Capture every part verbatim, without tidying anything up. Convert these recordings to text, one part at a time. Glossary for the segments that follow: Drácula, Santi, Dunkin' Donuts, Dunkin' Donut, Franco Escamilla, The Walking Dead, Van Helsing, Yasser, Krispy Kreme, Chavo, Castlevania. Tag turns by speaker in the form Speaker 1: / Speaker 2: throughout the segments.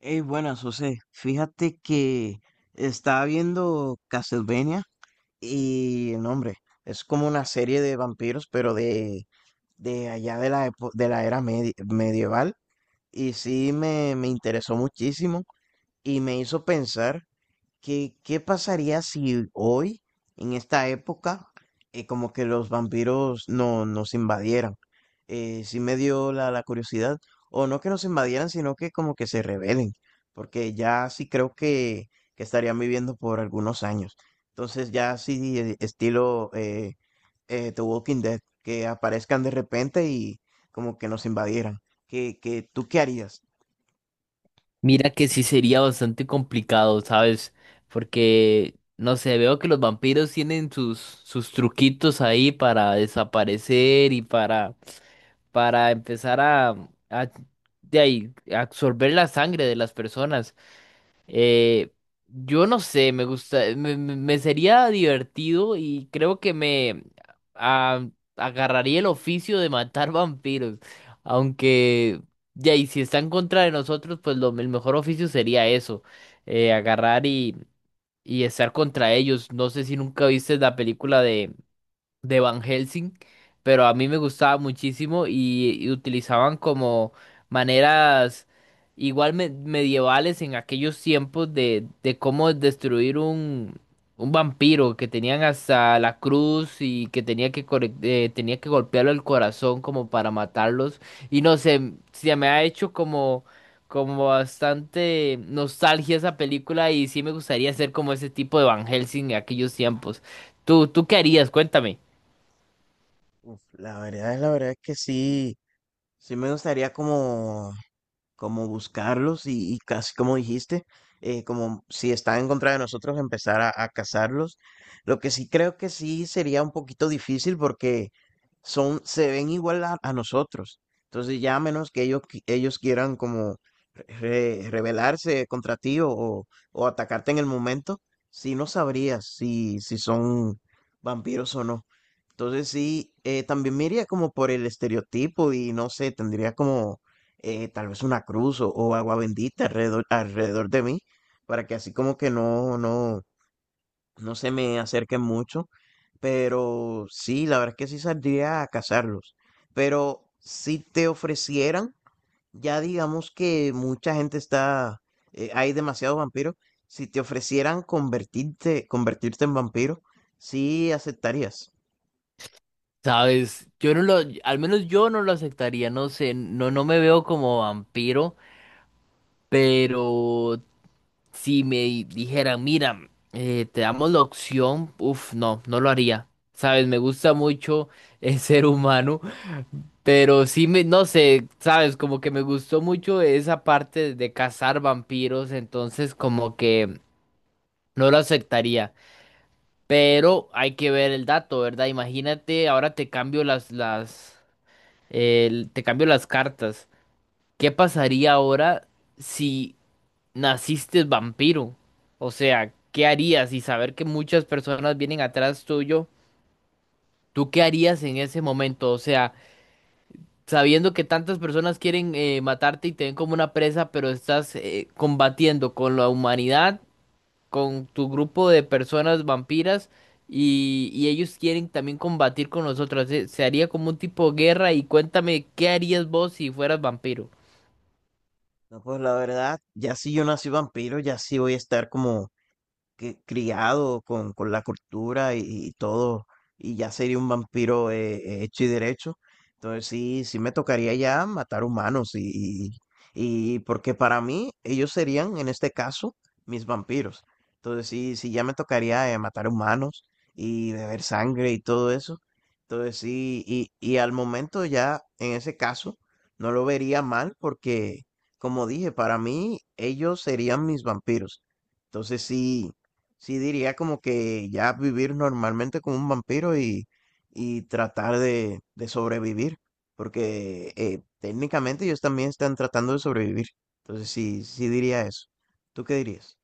Speaker 1: Hey, buenas, José. Fíjate que estaba viendo Castlevania, y el nombre es como una serie de vampiros, pero de, de allá de la, epo- de la era medi- medieval. Y sí me, me interesó muchísimo y me hizo pensar, ¿Qué, qué pasaría si hoy, en esta época, eh, como que los vampiros no, nos invadieran? Eh, sí me dio la, la curiosidad, o no que nos invadieran, sino que como que se rebelen, porque ya sí creo que, que estarían viviendo por algunos años. Entonces ya sí, eh, estilo eh, eh, The Walking Dead, que aparezcan de repente y como que nos invadieran. ¿Qué, qué, tú qué harías?
Speaker 2: Mira que sí sería bastante complicado, ¿sabes? Porque, no sé, veo que los vampiros tienen sus, sus truquitos ahí para desaparecer y para, para empezar a, a- de ahí, absorber la sangre de las personas. Eh, yo no sé, me gusta, me, me- me sería divertido y creo que me ah, agarraría el oficio de matar vampiros. Aunque, ya, y si están contra de nosotros, pues lo, el mejor oficio sería eso, eh, agarrar y, y estar contra ellos. No sé si nunca viste la película de Van Helsing, pero a mí me gustaba muchísimo y, y utilizaban como maneras igual me- medievales en aquellos tiempos de, de cómo destruir un, un vampiro que tenían hasta la cruz y que tenía que, corre- eh, tenía que golpearlo el corazón como para matarlos. Y no sé, se me ha hecho como... Como bastante nostalgia esa película y sí me gustaría ser como ese tipo de Van Helsing en aquellos tiempos. ¿Tú, tú qué harías? Cuéntame.
Speaker 1: Uf, la verdad es la verdad es que sí, sí me gustaría como como buscarlos, y, y casi como dijiste, eh, como si están en contra de nosotros, empezar a, a cazarlos. Lo que sí creo que sí sería un poquito difícil porque son, se ven igual a, a nosotros. Entonces ya, a menos que ellos, qui- ellos quieran como re- rebelarse contra ti o, o- o- atacarte en el momento, sí no sabrías si, si son vampiros o no. Entonces sí, eh, también me iría como por el estereotipo, y no sé, tendría como eh, tal vez una cruz o, o agua bendita alrededor, alrededor de mí, para que así como que no, no, no se me acerquen mucho. Pero sí, la verdad es que sí saldría a cazarlos. Pero si te ofrecieran, ya digamos que mucha gente está, eh, hay demasiados vampiros, si te ofrecieran convertirte, convertirte en vampiro, sí aceptarías.
Speaker 2: Sabes, yo no lo, al menos yo no lo aceptaría, no sé, no, no me veo como vampiro, pero si me di- dijeran, mira, eh, te damos la opción, uff, no, no lo haría. Sabes, me gusta mucho el ser humano, pero sí me, no sé, sabes, como que me gustó mucho esa parte de cazar vampiros, entonces como que no lo aceptaría. Pero hay que ver el dato, ¿verdad? Imagínate, ahora te cambio las, las el- te cambio las cartas. ¿Qué pasaría ahora si naciste vampiro? O sea, ¿qué harías? Y saber que muchas personas vienen atrás tuyo, ¿tú qué harías en ese momento? O sea, sabiendo que tantas personas quieren eh, matarte y te ven como una presa, pero estás eh, combatiendo con la humanidad, con tu grupo de personas vampiras. Y, y ellos quieren también combatir con nosotros. Se, se haría como un tipo de guerra. Y cuéntame, ¿qué harías vos si fueras vampiro?
Speaker 1: No, pues la verdad, ya si yo nací vampiro, ya sí voy a estar como que- criado con, con la cultura y, y todo, y ya sería un vampiro eh, hecho y derecho. Entonces sí, sí me tocaría ya matar humanos y, y, y porque para mí ellos serían, en este caso, mis vampiros. Entonces sí, sí ya me tocaría eh, matar humanos y beber sangre y todo eso. Entonces sí, y, y al momento ya, en ese caso, no lo vería mal porque, como dije, para mí ellos serían mis vampiros. Entonces sí, Sí, diría como que ya vivir normalmente como un vampiro, y, y tratar de, de sobrevivir, porque eh, técnicamente ellos también están tratando de sobrevivir. Entonces sí, sí diría eso. ¿Tú qué dirías?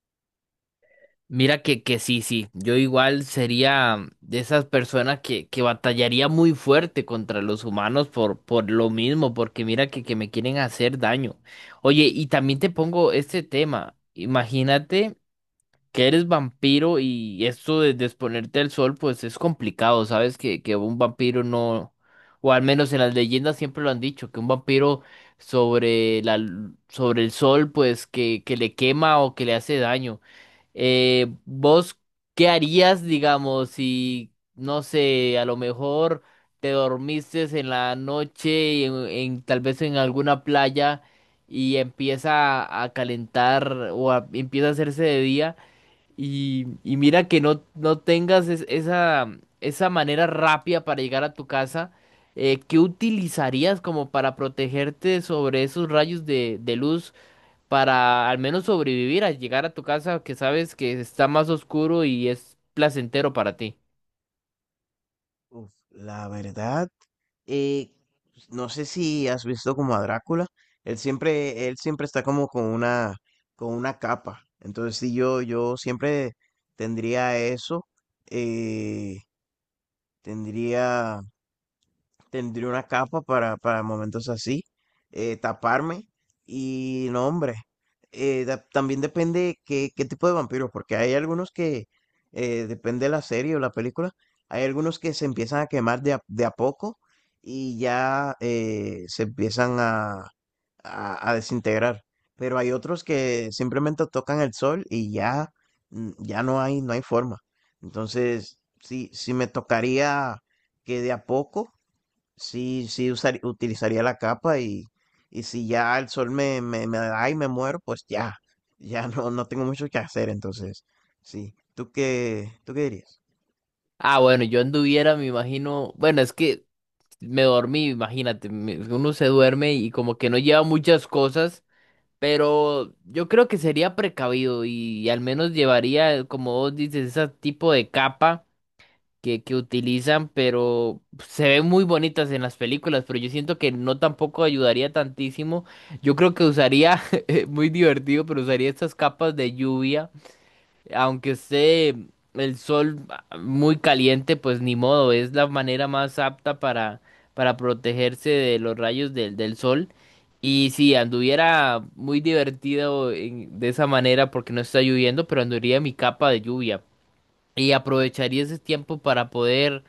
Speaker 2: Mira que, que sí, sí, yo igual sería de esas personas que, que batallaría muy fuerte contra los humanos por, por lo mismo, porque mira que, que me quieren hacer daño. Oye, y también te pongo este tema, imagínate que eres vampiro y esto de, de exponerte al sol, pues es complicado, ¿sabes? Que, que un vampiro no, o al menos en las leyendas siempre lo han dicho, que un vampiro sobre la, l- sobre el sol, pues que, que le quema o que le hace daño. Eh, ¿vos qué harías, digamos, si, no sé, a lo mejor te dormiste en la noche en, en- tal vez en alguna playa y empieza a calentar o a- empieza a hacerse de día y, y mira que no, no tengas es- esa, esa manera rápida para llegar a tu casa? Eh, ¿qué utilizarías como para protegerte sobre esos rayos de, de luz? Para al menos sobrevivir a llegar a tu casa que sabes que está más oscuro y es placentero para ti.
Speaker 1: Uf, la verdad, eh, no sé si has visto como a Drácula. Él siempre, él siempre está como con una, con una capa. Entonces sí, yo, yo siempre tendría eso. eh, tendría Tendría una capa para, para momentos así, eh, taparme y no, hombre. eh, da- también depende qué, qué tipo de vampiros, porque hay algunos que, eh, depende de la serie o la película, hay algunos que se empiezan a quemar de a, de a poco, y ya eh, se empiezan a, a, a desintegrar. Pero hay otros que simplemente tocan el sol y ya, mm, ya no hay, no hay forma. Entonces, sí, sí me tocaría que de a poco, sí, sí, usar- utilizaría la capa, y, y si ya el sol me, me, me da y me muero, pues ya, ya no, no tengo mucho que hacer, entonces, sí. ¿Tú qué, tú qué dirías?
Speaker 2: Ah, bueno, yo anduviera, me imagino, bueno, es que me dormí, imagínate, me- uno se duerme y como que no lleva muchas cosas, pero yo creo que sería precavido y, al menos llevaría, como vos dices, ese tipo de capa que, que utilizan, pero se ven muy bonitas en las películas, pero yo siento que no tampoco ayudaría tantísimo. Yo creo que usaría, muy divertido, pero usaría estas capas de lluvia, aunque esté el sol ah, muy caliente, pues ni modo, es la manera más apta para, para protegerse de los rayos del, del sol. Y si anduviera muy divertido en- de esa manera porque no está lloviendo, pero anduviera mi capa de lluvia. Y aprovecharía ese tiempo para poder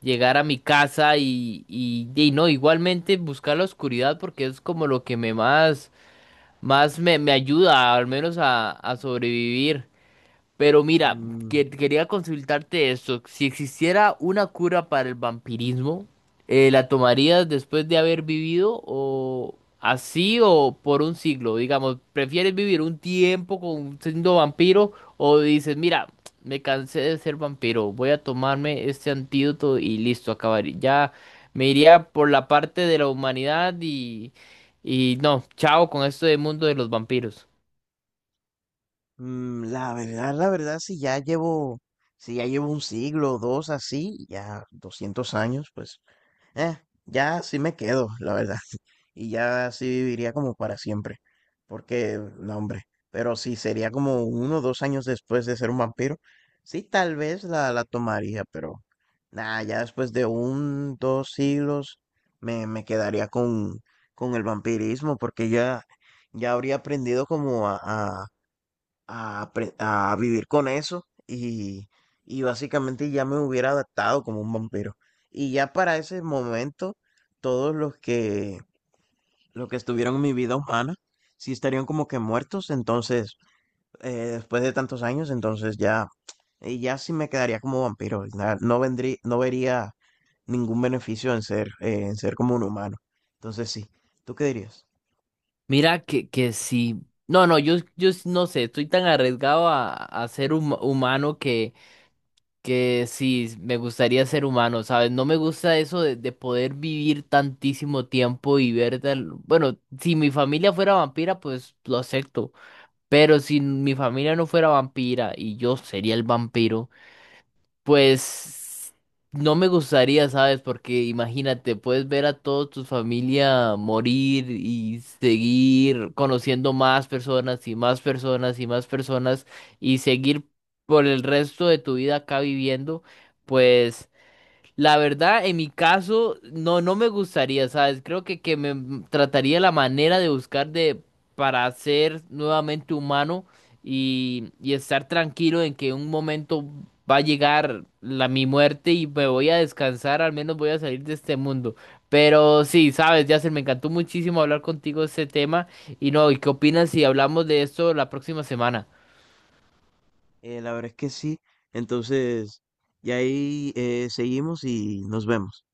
Speaker 2: llegar a mi casa y, y, y no, igualmente buscar la oscuridad porque es como lo que me más, más me, me ayuda al menos a, a sobrevivir. Pero mira,
Speaker 1: Mm,
Speaker 2: que- quería consultarte esto. Si existiera una cura para el vampirismo, eh, ¿la tomarías después de haber vivido o así o por un siglo? Digamos, ¿prefieres vivir un tiempo con, siendo vampiro o dices, mira, me cansé de ser vampiro, voy a tomarme este antídoto y listo, acabaría? Ya me iría por la parte de la humanidad y, y no, chao con esto del mundo de los vampiros.
Speaker 1: mm, la verdad, la verdad, si ya llevo, si ya llevo un siglo o dos así, ya doscientos años, pues, eh, ya sí me quedo, la verdad. Y ya así viviría como para siempre. Porque, no, hombre, pero si sería como uno o dos años después de ser un vampiro, sí, tal vez la, la tomaría, pero nada, ya después de un, dos siglos me, me quedaría con, con el vampirismo porque ya, ya habría aprendido como a, a, a apre- a vivir con eso, y, y básicamente ya me hubiera adaptado como un vampiro. Y ya para ese momento, todos los que los que estuvieron en mi vida humana, sí estarían como que muertos, entonces, eh, después de tantos años, entonces ya, y ya sí me quedaría como vampiro. y na- No vendría, no vería ningún beneficio en ser, eh, en ser como un humano. Entonces sí, ¿tú qué dirías?
Speaker 2: Mira que, que sí. No, no, yo, yo s- no sé, estoy tan arriesgado a, a ser hum- humano que, que sí, me gustaría ser humano, ¿sabes? No me gusta eso de, de poder vivir tantísimo tiempo y ver tal... Bueno, si mi familia fuera vampira, pues lo acepto. Pero si mi familia no fuera vampira y yo sería el vampiro. Pues no me gustaría, ¿sabes? Porque imagínate, puedes ver a toda tu familia morir y seguir conociendo más personas y más personas y más personas y seguir por el resto de tu vida acá viviendo, pues... La verdad, en mi caso, no, no me gustaría, ¿sabes? Creo que, que me trataría la manera de buscar de para ser nuevamente humano y, y estar tranquilo en que un momento va a llegar la mi muerte y me voy a descansar, al menos voy a salir de este mundo. Pero sí, sabes, Yasser, me encantó muchísimo hablar contigo de este tema. Y no, ¿y qué opinas si hablamos de esto la próxima semana?
Speaker 1: Eh, la verdad es que sí, entonces, y ahí eh, seguimos y nos vemos.